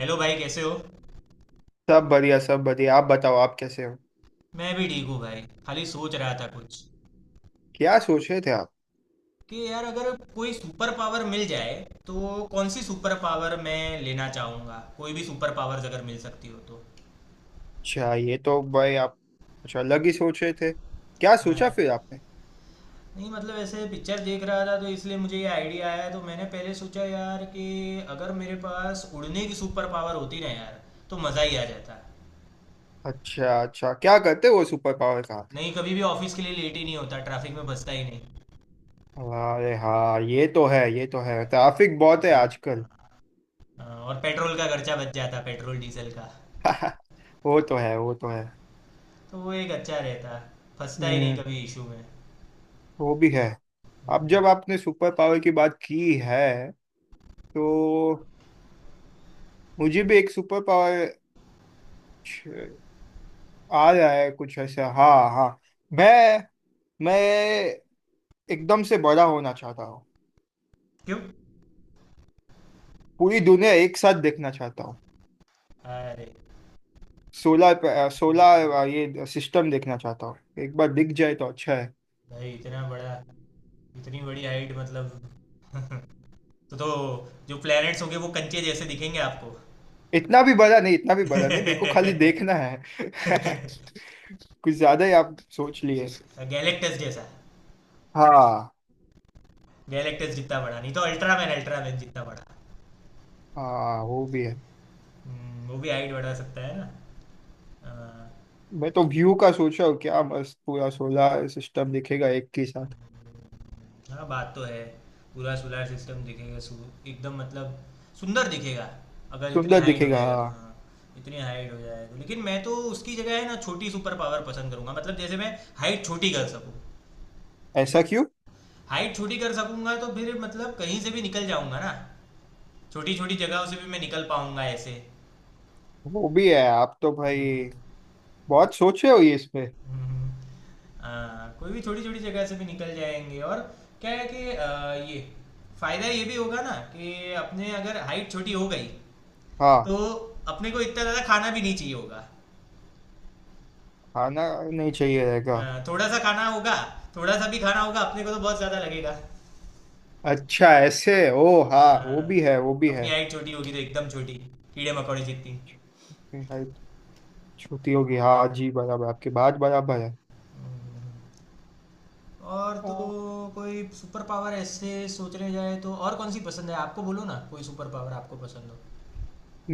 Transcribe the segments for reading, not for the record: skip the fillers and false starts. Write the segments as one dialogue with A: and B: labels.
A: Hello भाई, कैसे हो?
B: सब बढ़िया सब बढ़िया। आप बताओ, आप कैसे हो?
A: मैं भी ठीक हूँ भाई। खाली सोच रहा था कुछ।
B: क्या सोच रहे थे आप?
A: कि यार, अगर कोई सुपर पावर मिल जाए तो कौन सी सुपर पावर मैं लेना चाहूँगा, कोई भी सुपर पावर्स अगर मिल सकती हो तो।
B: अच्छा, ये तो भाई आप, अच्छा, अलग ही सोच रहे थे। क्या
A: हाँ
B: सोचा
A: यार।
B: फिर आपने?
A: नहीं मतलब ऐसे पिक्चर देख रहा था तो इसलिए मुझे ये आइडिया आया, तो मैंने पहले सोचा यार कि अगर मेरे पास उड़ने की सुपर पावर होती ना यार, तो मज़ा ही आ जाता।
B: अच्छा अच्छा, क्या करते हो सुपर पावर का?
A: नहीं, कभी भी ऑफिस के लिए लेट ही नहीं होता, ट्रैफिक में फंसता ही नहीं।
B: अरे हाँ, ये तो है, ये तो है। ट्रैफिक बहुत है
A: हाँ।
B: आजकल।
A: हाँ, और पेट्रोल का खर्चा बच जाता, पेट्रोल डीजल का।
B: वो तो है, वो तो है।
A: तो वो एक अच्छा रहता। फंसता ही नहीं
B: हम्म।
A: कभी इशू में।
B: वो भी है। अब जब आपने सुपर पावर की बात की है, तो मुझे भी एक सुपर पावर आ रहा है कुछ ऐसा। हाँ हाँ, मैं मैं एकदम से बड़ा होना चाहता हूँ।
A: क्यों?
B: पूरी दुनिया एक साथ देखना चाहता हूँ।
A: अरे,
B: सोलर सोलर ये सिस्टम देखना चाहता हूँ। एक बार दिख जाए तो अच्छा है।
A: भाई इतना बड़ा। इतनी बड़ी हाइट मतलब। तो जो प्लैनेट्स होंगे वो कंचे जैसे दिखेंगे आपको।
B: इतना भी बड़ा नहीं, इतना भी बड़ा नहीं, मेरे को खाली देखना है। कुछ ज्यादा ही आप सोच लिए।
A: गैलेक्टस जैसा।
B: हाँ,
A: गैलेक्टस जितना बड़ा नहीं तो अल्ट्रामैन अल्ट्रामैन जितना बड़ा।
B: हाँ, वो भी है।
A: वो भी हाइट बढ़ा सकता है ना।
B: मैं तो व्यू का सोच रहा हूँ, क्या मस्त पूरा सोलर सिस्टम दिखेगा एक के साथ।
A: हाँ, बात तो है। पूरा सोलर सिस्टम दिखेगा सु एकदम मतलब सुंदर दिखेगा। अगर इतनी
B: सुंदर
A: हाइट हो
B: दिखेगा,
A: जाएगा तो,
B: हाँ।
A: हाँ। इतनी हाइट हो जाएगा तो, लेकिन मैं तो उसकी जगह है ना छोटी सुपर पावर पसंद करूंगा, मतलब जैसे मैं हाइट छोटी कर सकूँ।
B: ऐसा क्यों?
A: हाइट छोटी कर सकूंगा तो फिर मतलब कहीं से भी निकल जाऊंगा ना। छोटी छोटी जगहों से भी मैं निकल पाऊंगा ऐसे।
B: वो भी है। आप तो भाई
A: हम्म।
B: बहुत सोचे हो ये इसमें।
A: हाँ, कोई भी छोटी छोटी जगह से भी निकल जाएंगे। और क्या है कि ये फायदा ये भी होगा ना कि अपने अगर हाइट छोटी हो गई
B: हाँ।
A: तो अपने को इतना ज्यादा खाना भी नहीं चाहिए होगा।
B: खाना नहीं चाहिए रहेगा।
A: थोड़ा सा खाना होगा। थोड़ा सा भी खाना होगा अपने को तो बहुत ज्यादा लगेगा।
B: अच्छा, ऐसे। ओ हाँ, वो
A: अ,
B: भी है, वो भी है।
A: अपनी हाइट छोटी होगी तो एकदम छोटी, कीड़े मकोड़े जितनी।
B: हाइट छोटी होगी, हाँ जी, बराबर, आपकी बात बराबर है।
A: हम्म, और तो
B: हाँ।
A: कोई सुपर पावर ऐसे सोचने जाए तो और कौन सी पसंद है आपको, बोलो ना, कोई सुपर पावर आपको पसंद हो?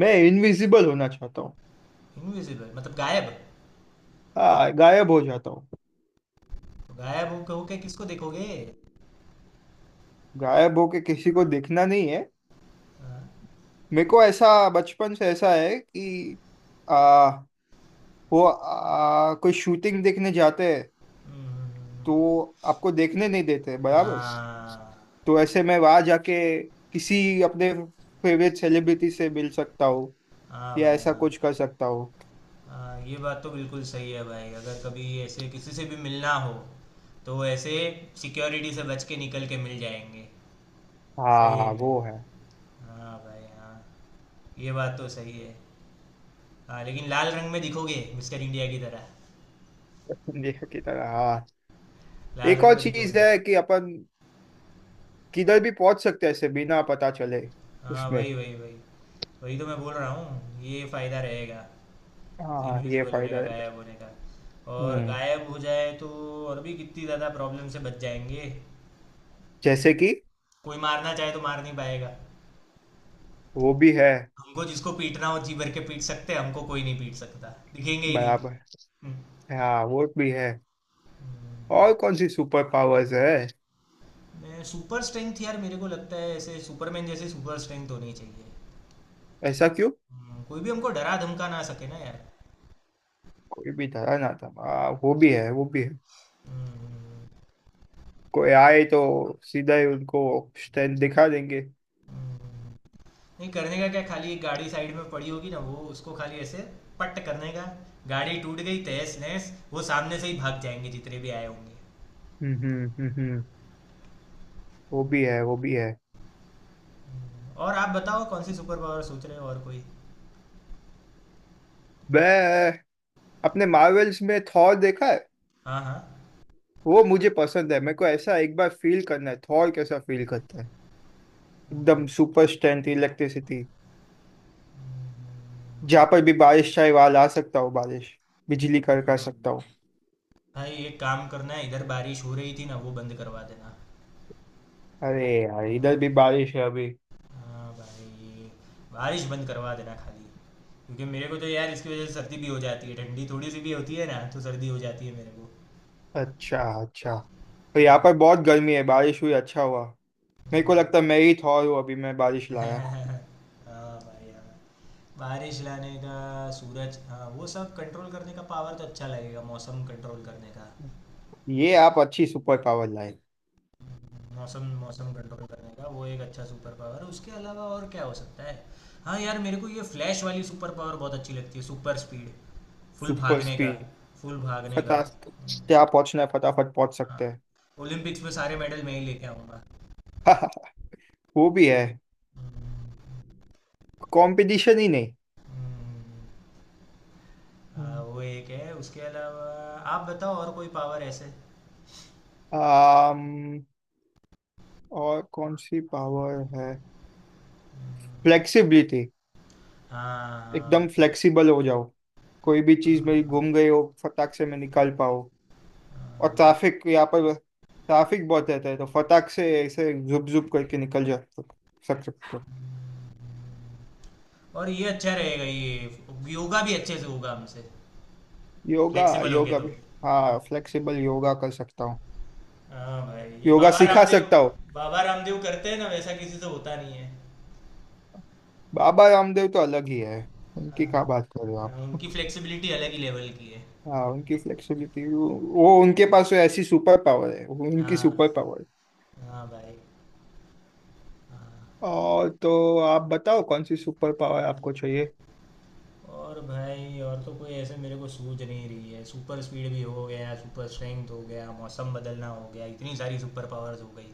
B: मैं इनविजिबल होना चाहता हूँ।
A: इनविजिबल मतलब गायब?
B: हाँ, गायब हो जाता हूँ।
A: तो गायब हो कहो के किसको देखोगे?
B: गायब होके किसी को दिखना नहीं है।
A: हाँ।
B: मेरे को ऐसा बचपन से ऐसा है कि आ, वो कोई शूटिंग देखने जाते हैं।
A: हम्म।
B: तो आपको देखने नहीं देते, बराबर।
A: हाँ
B: तो ऐसे मैं वहां जाके किसी अपने फेवरेट सेलिब्रिटी से मिल सकता हूँ।
A: हाँ
B: या
A: भाई
B: ऐसा
A: हाँ।
B: कुछ कर सकता हूँ।
A: हाँ, ये बात तो बिल्कुल सही है भाई, अगर कभी ऐसे किसी से भी मिलना हो तो ऐसे सिक्योरिटी से बच के निकल के मिल जाएंगे। सही
B: हाँ,
A: में।
B: वो है।
A: हाँ भाई हाँ। ये बात तो सही है। हाँ, लेकिन लाल रंग में दिखोगे, मिस्टर इंडिया की तरह।
B: इंडिया की तरह, हाँ।
A: लाल
B: एक
A: रंग
B: और
A: में
B: चीज
A: दिखोगे।
B: है कि अपन किधर भी पहुंच सकते हैं ऐसे, बिना पता चले।
A: हाँ,
B: उसमें
A: वही वही वही। वही तो मैं बोल रहा हूँ, ये फ़ायदा रहेगा,
B: हाँ हाँ, ये
A: इनविजिबल होने
B: फायदा
A: का,
B: है।
A: गायब होने का। और
B: हम्म।
A: गायब हो जाए तो और भी कितनी ज़्यादा प्रॉब्लम से बच जाएंगे।
B: जैसे कि,
A: कोई मारना चाहे तो मार नहीं पाएगा।
B: वो भी है।
A: हमको जिसको पीटना हो जी भर के पीट सकते हैं, हमको कोई नहीं पीट सकता। दिखेंगे ही नहीं।
B: बराबर,
A: हम्म।
B: हाँ, वो भी है। और कौन सी सुपर पावर्स है?
A: मैं सुपर स्ट्रेंथ, यार मेरे को लगता है ऐसे सुपरमैन जैसे सुपर स्ट्रेंथ होनी चाहिए।
B: ऐसा क्यों?
A: कोई भी हमको डरा धमका ना सके ना यार।
B: कोई भी धरा ना था, हाँ वो भी है, वो भी है।
A: हम्म, हम्म।
B: कोई आए तो सीधा ही उनको स्टैंड दिखा देंगे।
A: नहीं, करने का क्या, खाली एक गाड़ी साइड में पड़ी होगी ना, वो उसको खाली ऐसे पट करने का। गाड़ी टूट गई तहस नहस, वो सामने से ही भाग जाएंगे जितने भी आए होंगे।
B: हम्म, हम्म, हम्म, वो भी है, वो भी है।
A: और आप बताओ कौन सी सुपर पावर सोच रहे हो, और कोई?
B: मैं अपने मार्वल्स में थॉर देखा है।
A: हाँ हाँ।
B: वो मुझे पसंद है, मेरे को ऐसा एक बार फील करना है थॉर कैसा फील करता है। एकदम सुपर स्ट्रेंथ, इलेक्ट्रिसिटी। जहाँ पर भी बारिश चाहे वहां ला सकता हूँ बारिश। बिजली
A: हाँ,
B: करका सकता हूँ।
A: भाई एक काम करना है, इधर बारिश हो रही थी ना, वो बंद करवा देना।
B: अरे यार, इधर भी
A: हाँ।
B: बारिश है अभी।
A: हाँ भाई। बारिश बंद करवा देना खाली। क्योंकि मेरे को तो यार इसकी वजह से सर्दी भी हो जाती है, ठंडी थोड़ी सी भी होती है ना तो सर्दी हो जाती है मेरे को।
B: अच्छा अच्छा। तो यहाँ पर बहुत गर्मी है, बारिश हुई, अच्छा हुआ। मेरे को लगता है मैं ही थॉर हूँ, अभी मैं बारिश
A: हाँ
B: लाया।
A: हाँ भाई हाँ। बारिश लाने का, सूरज, हाँ, वो सब कंट्रोल करने का पावर तो अच्छा लगेगा, मौसम कंट्रोल करने का।
B: ये आप अच्छी सुपर पावर लाए।
A: मौसम, मौसम कंट्रोल करने का, वो एक अच्छा सुपर पावर है, उसके अलावा और क्या हो सकता है? हाँ यार, मेरे को ये फ्लैश वाली सुपर पावर बहुत अच्छी लगती है, सुपर स्पीड। फुल
B: सुपर
A: भागने का।
B: स्पीड।
A: फुल भागने का।
B: फटाफट, क्या पहुंचना है फटाफट पहुंच
A: हाँ,
B: सकते हैं।
A: ओलंपिक्स में सारे मेडल मैं ही लेके आऊँगा।
B: वो भी है, कंपटीशन ही नहीं।
A: हाँ, वो एक है, उसके अलावा आप बताओ और कोई पावर ऐसे?
B: आम, और कौन सी पावर है? फ्लेक्सिबिलिटी।
A: हाँ हाँ,
B: एकदम
A: वो।
B: फ्लेक्सिबल हो जाओ। कोई भी चीज मेरी
A: हाँ।
B: घूम गई हो फटाक से मैं निकाल पाओ। और ट्रैफिक, यहाँ पर ट्रैफिक बहुत रहता है, तो फटाक से ऐसे जुप जुप करके निकल जा सक सकते हो।
A: और ये अच्छा रहेगा, ये योगा भी अच्छे से होगा हमसे,
B: योगा,
A: फ्लेक्सिबल हो गए
B: योगा
A: तो।
B: भी। हाँ, फ्लेक्सिबल योगा कर सकता हूँ।
A: हाँ भाई, ये
B: योगा
A: बाबा
B: सिखा
A: रामदेव,
B: सकता हूँ।
A: बाबा रामदेव करते हैं ना, वैसा किसी से होता नहीं है।
B: बाबा रामदेव तो अलग ही है।
A: हाँ।
B: उनकी क्या बात कर रहे हो आप?
A: हाँ, उनकी फ्लेक्सिबिलिटी अलग ही लेवल की है।
B: हाँ, उनकी फ्लेक्सिबिलिटी, वो उनके पास तो ऐसी सुपर पावर है, वो उनकी
A: हाँ।
B: Super power.
A: हाँ भाई। हाँ।
B: और तो आप बताओ कौन सी सुपर पावर आपको चाहिए?
A: और भाई और तो कोई ऐसे मेरे को सूझ नहीं रही है, सुपर स्पीड भी हो गया, सुपर स्ट्रेंथ हो गया, मौसम बदलना हो गया, इतनी सारी सुपर पावर्स हो गई।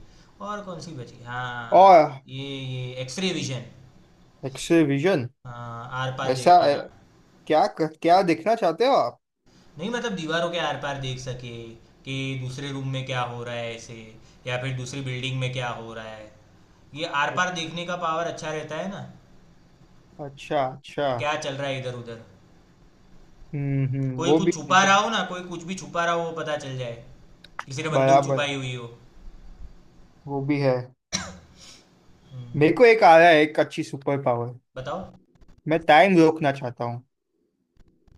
A: और कौन सी बची? हाँ,
B: और,
A: ये एक्सरे विजन।
B: X ray vision.
A: हाँ, आर पार देख
B: ऐसा
A: पाना।
B: क्या क्या देखना चाहते हो आप?
A: नहीं मतलब दीवारों के आर पार देख सके कि दूसरे रूम में क्या हो रहा है ऐसे, या फिर दूसरी बिल्डिंग में क्या हो रहा है। ये आर पार देखने का पावर अच्छा रहता है ना,
B: अच्छा अच्छा।
A: कि क्या चल रहा है इधर उधर।
B: हम्म, हम्म,
A: कोई
B: वो
A: कुछ
B: भी
A: छुपा
B: ठीक है।
A: रहा हो ना, कोई कुछ भी छुपा रहा हो वो पता चल जाए। किसी ने बंदूक
B: बराबर,
A: छुपाई हुई हो।
B: वो भी है। मेरे
A: हम्म।
B: को एक आ रहा है एक अच्छी सुपर पावर।
A: बताओ।
B: मैं टाइम रोकना चाहता हूँ,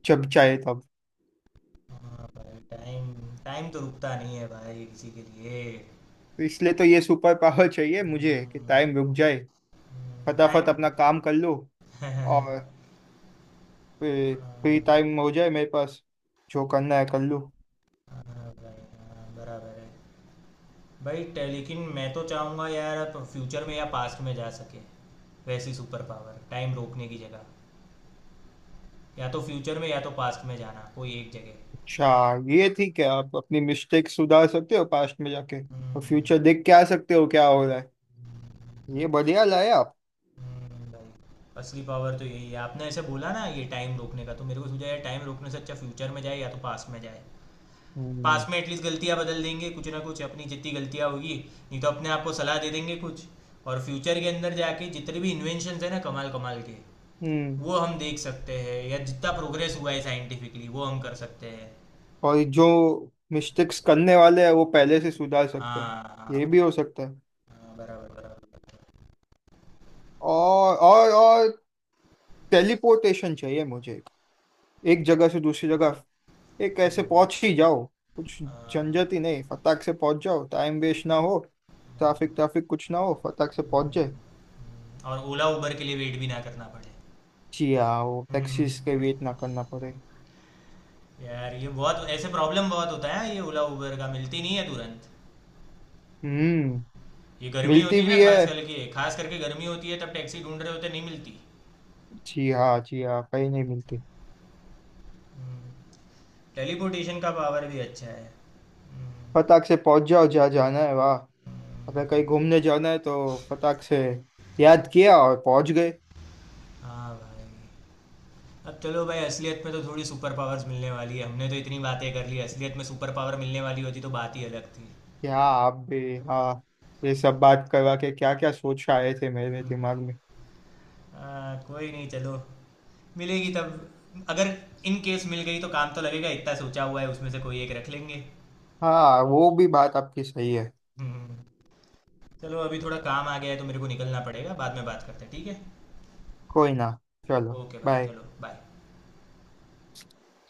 B: जब चाहे तब।
A: हाँ भाई, टाइम। टाइम तो रुकता नहीं है भाई किसी के लिए।
B: तो इसलिए तो ये सुपर पावर चाहिए मुझे, कि टाइम रुक जाए, फटाफट
A: टाइम।
B: अपना काम कर लूँ।
A: हाँ।
B: और फिर फ्री
A: हाँ
B: टाइम हो जाए मेरे पास, जो करना है कर लूँ।
A: भाई हाँ, बराबर है। भाई लेकिन मैं तो चाहूँगा यार, आप फ्यूचर में या पास्ट में जा सके, वैसी सुपर पावर, टाइम रोकने की जगह। या तो फ्यूचर में या तो पास्ट में जाना, कोई एक जगह।
B: अच्छा, ये ठीक है। आप अपनी मिस्टेक सुधार सकते हो पास्ट में जाके। और
A: हम्म,
B: फ्यूचर देख के आ सकते हो क्या हो रहा है। ये बढ़िया लाए आप।
A: हम्म। भाई, असली पावर तो यही है, आपने ऐसे बोला ना ये टाइम रोकने का, तो मेरे को सूझा यार टाइम रोकने से अच्छा फ्यूचर में जाए या तो पास्ट में जाए।
B: हम्म,
A: पास्ट में एटलीस्ट गलतियाँ बदल देंगे, कुछ ना कुछ अपनी जितनी गलतियाँ होगी। नहीं तो अपने आप को सलाह दे देंगे कुछ। और फ्यूचर के अंदर जाके जितने भी इन्वेंशन है ना, कमाल कमाल के,
B: हम्म।
A: वो हम देख सकते हैं, या जितना प्रोग्रेस हुआ है साइंटिफिकली वो हम कर सकते हैं।
B: और जो मिस्टेक्स करने वाले हैं वो पहले से सुधार सकते हैं।
A: हाँ
B: ये भी
A: हाँ।
B: हो सकता है।
A: हाँ, बराबर बराबर।
B: और टेलीपोर्टेशन चाहिए मुझे, एक जगह से दूसरी जगह, एक ऐसे
A: हम्म।
B: पहुंच ही जाओ। कुछ
A: हाँ।
B: झंझट ही नहीं, फटाक से पहुंच जाओ, टाइम वेस्ट ना हो।
A: हम्म,
B: ट्रैफिक
A: हम्म,
B: ट्रैफिक कुछ ना हो, फटाक से पहुंच जाए।
A: और ओला उबर के लिए वेट भी ना करना पड़े।
B: जी हाँ, वो
A: हम्म।
B: टैक्सीज के वेट ना करना पड़े।
A: यार, ये बहुत ऐसे प्रॉब्लम बहुत होता है, ये ओला उबर का मिलती नहीं है तुरंत।
B: हम्म।
A: ये गर्मी
B: मिलती
A: होती है
B: भी
A: ना,
B: है।
A: खास करके गर्मी होती है तब टैक्सी ढूंढ रहे होते नहीं मिलती।
B: जी हाँ, जी हाँ, कहीं नहीं मिलती।
A: टेलीपोर्टेशन का पावर भी अच्छा है। हम्म,
B: फटाक से पहुंच जाओ जहाँ जाना है, वाह।
A: हम्म।
B: अगर कहीं घूमने जाना है तो फटाक से याद किया और पहुंच गए।
A: हाँ भाई। अब चलो भाई, असलियत में तो थोड़ी सुपर पावर्स मिलने वाली है, हमने तो इतनी बातें कर ली, असलियत में सुपर पावर मिलने वाली होती तो बात ही अलग थी।
B: क्या आप भी, हाँ। ये सब बात करवा के क्या क्या सोच आए थे मेरे दिमाग में।
A: कोई नहीं, चलो। मिलेगी तब अगर, इन केस मिल गई तो काम तो लगेगा, इतना सोचा हुआ है उसमें से कोई एक रख लेंगे।
B: हाँ, वो भी बात आपकी सही है।
A: हम्म। चलो, अभी थोड़ा काम आ गया है तो मेरे को निकलना पड़ेगा, बाद में बात करते हैं, ठीक है?
B: कोई ना, चलो।
A: ओके भाई,
B: बाय।
A: चलो, बाय।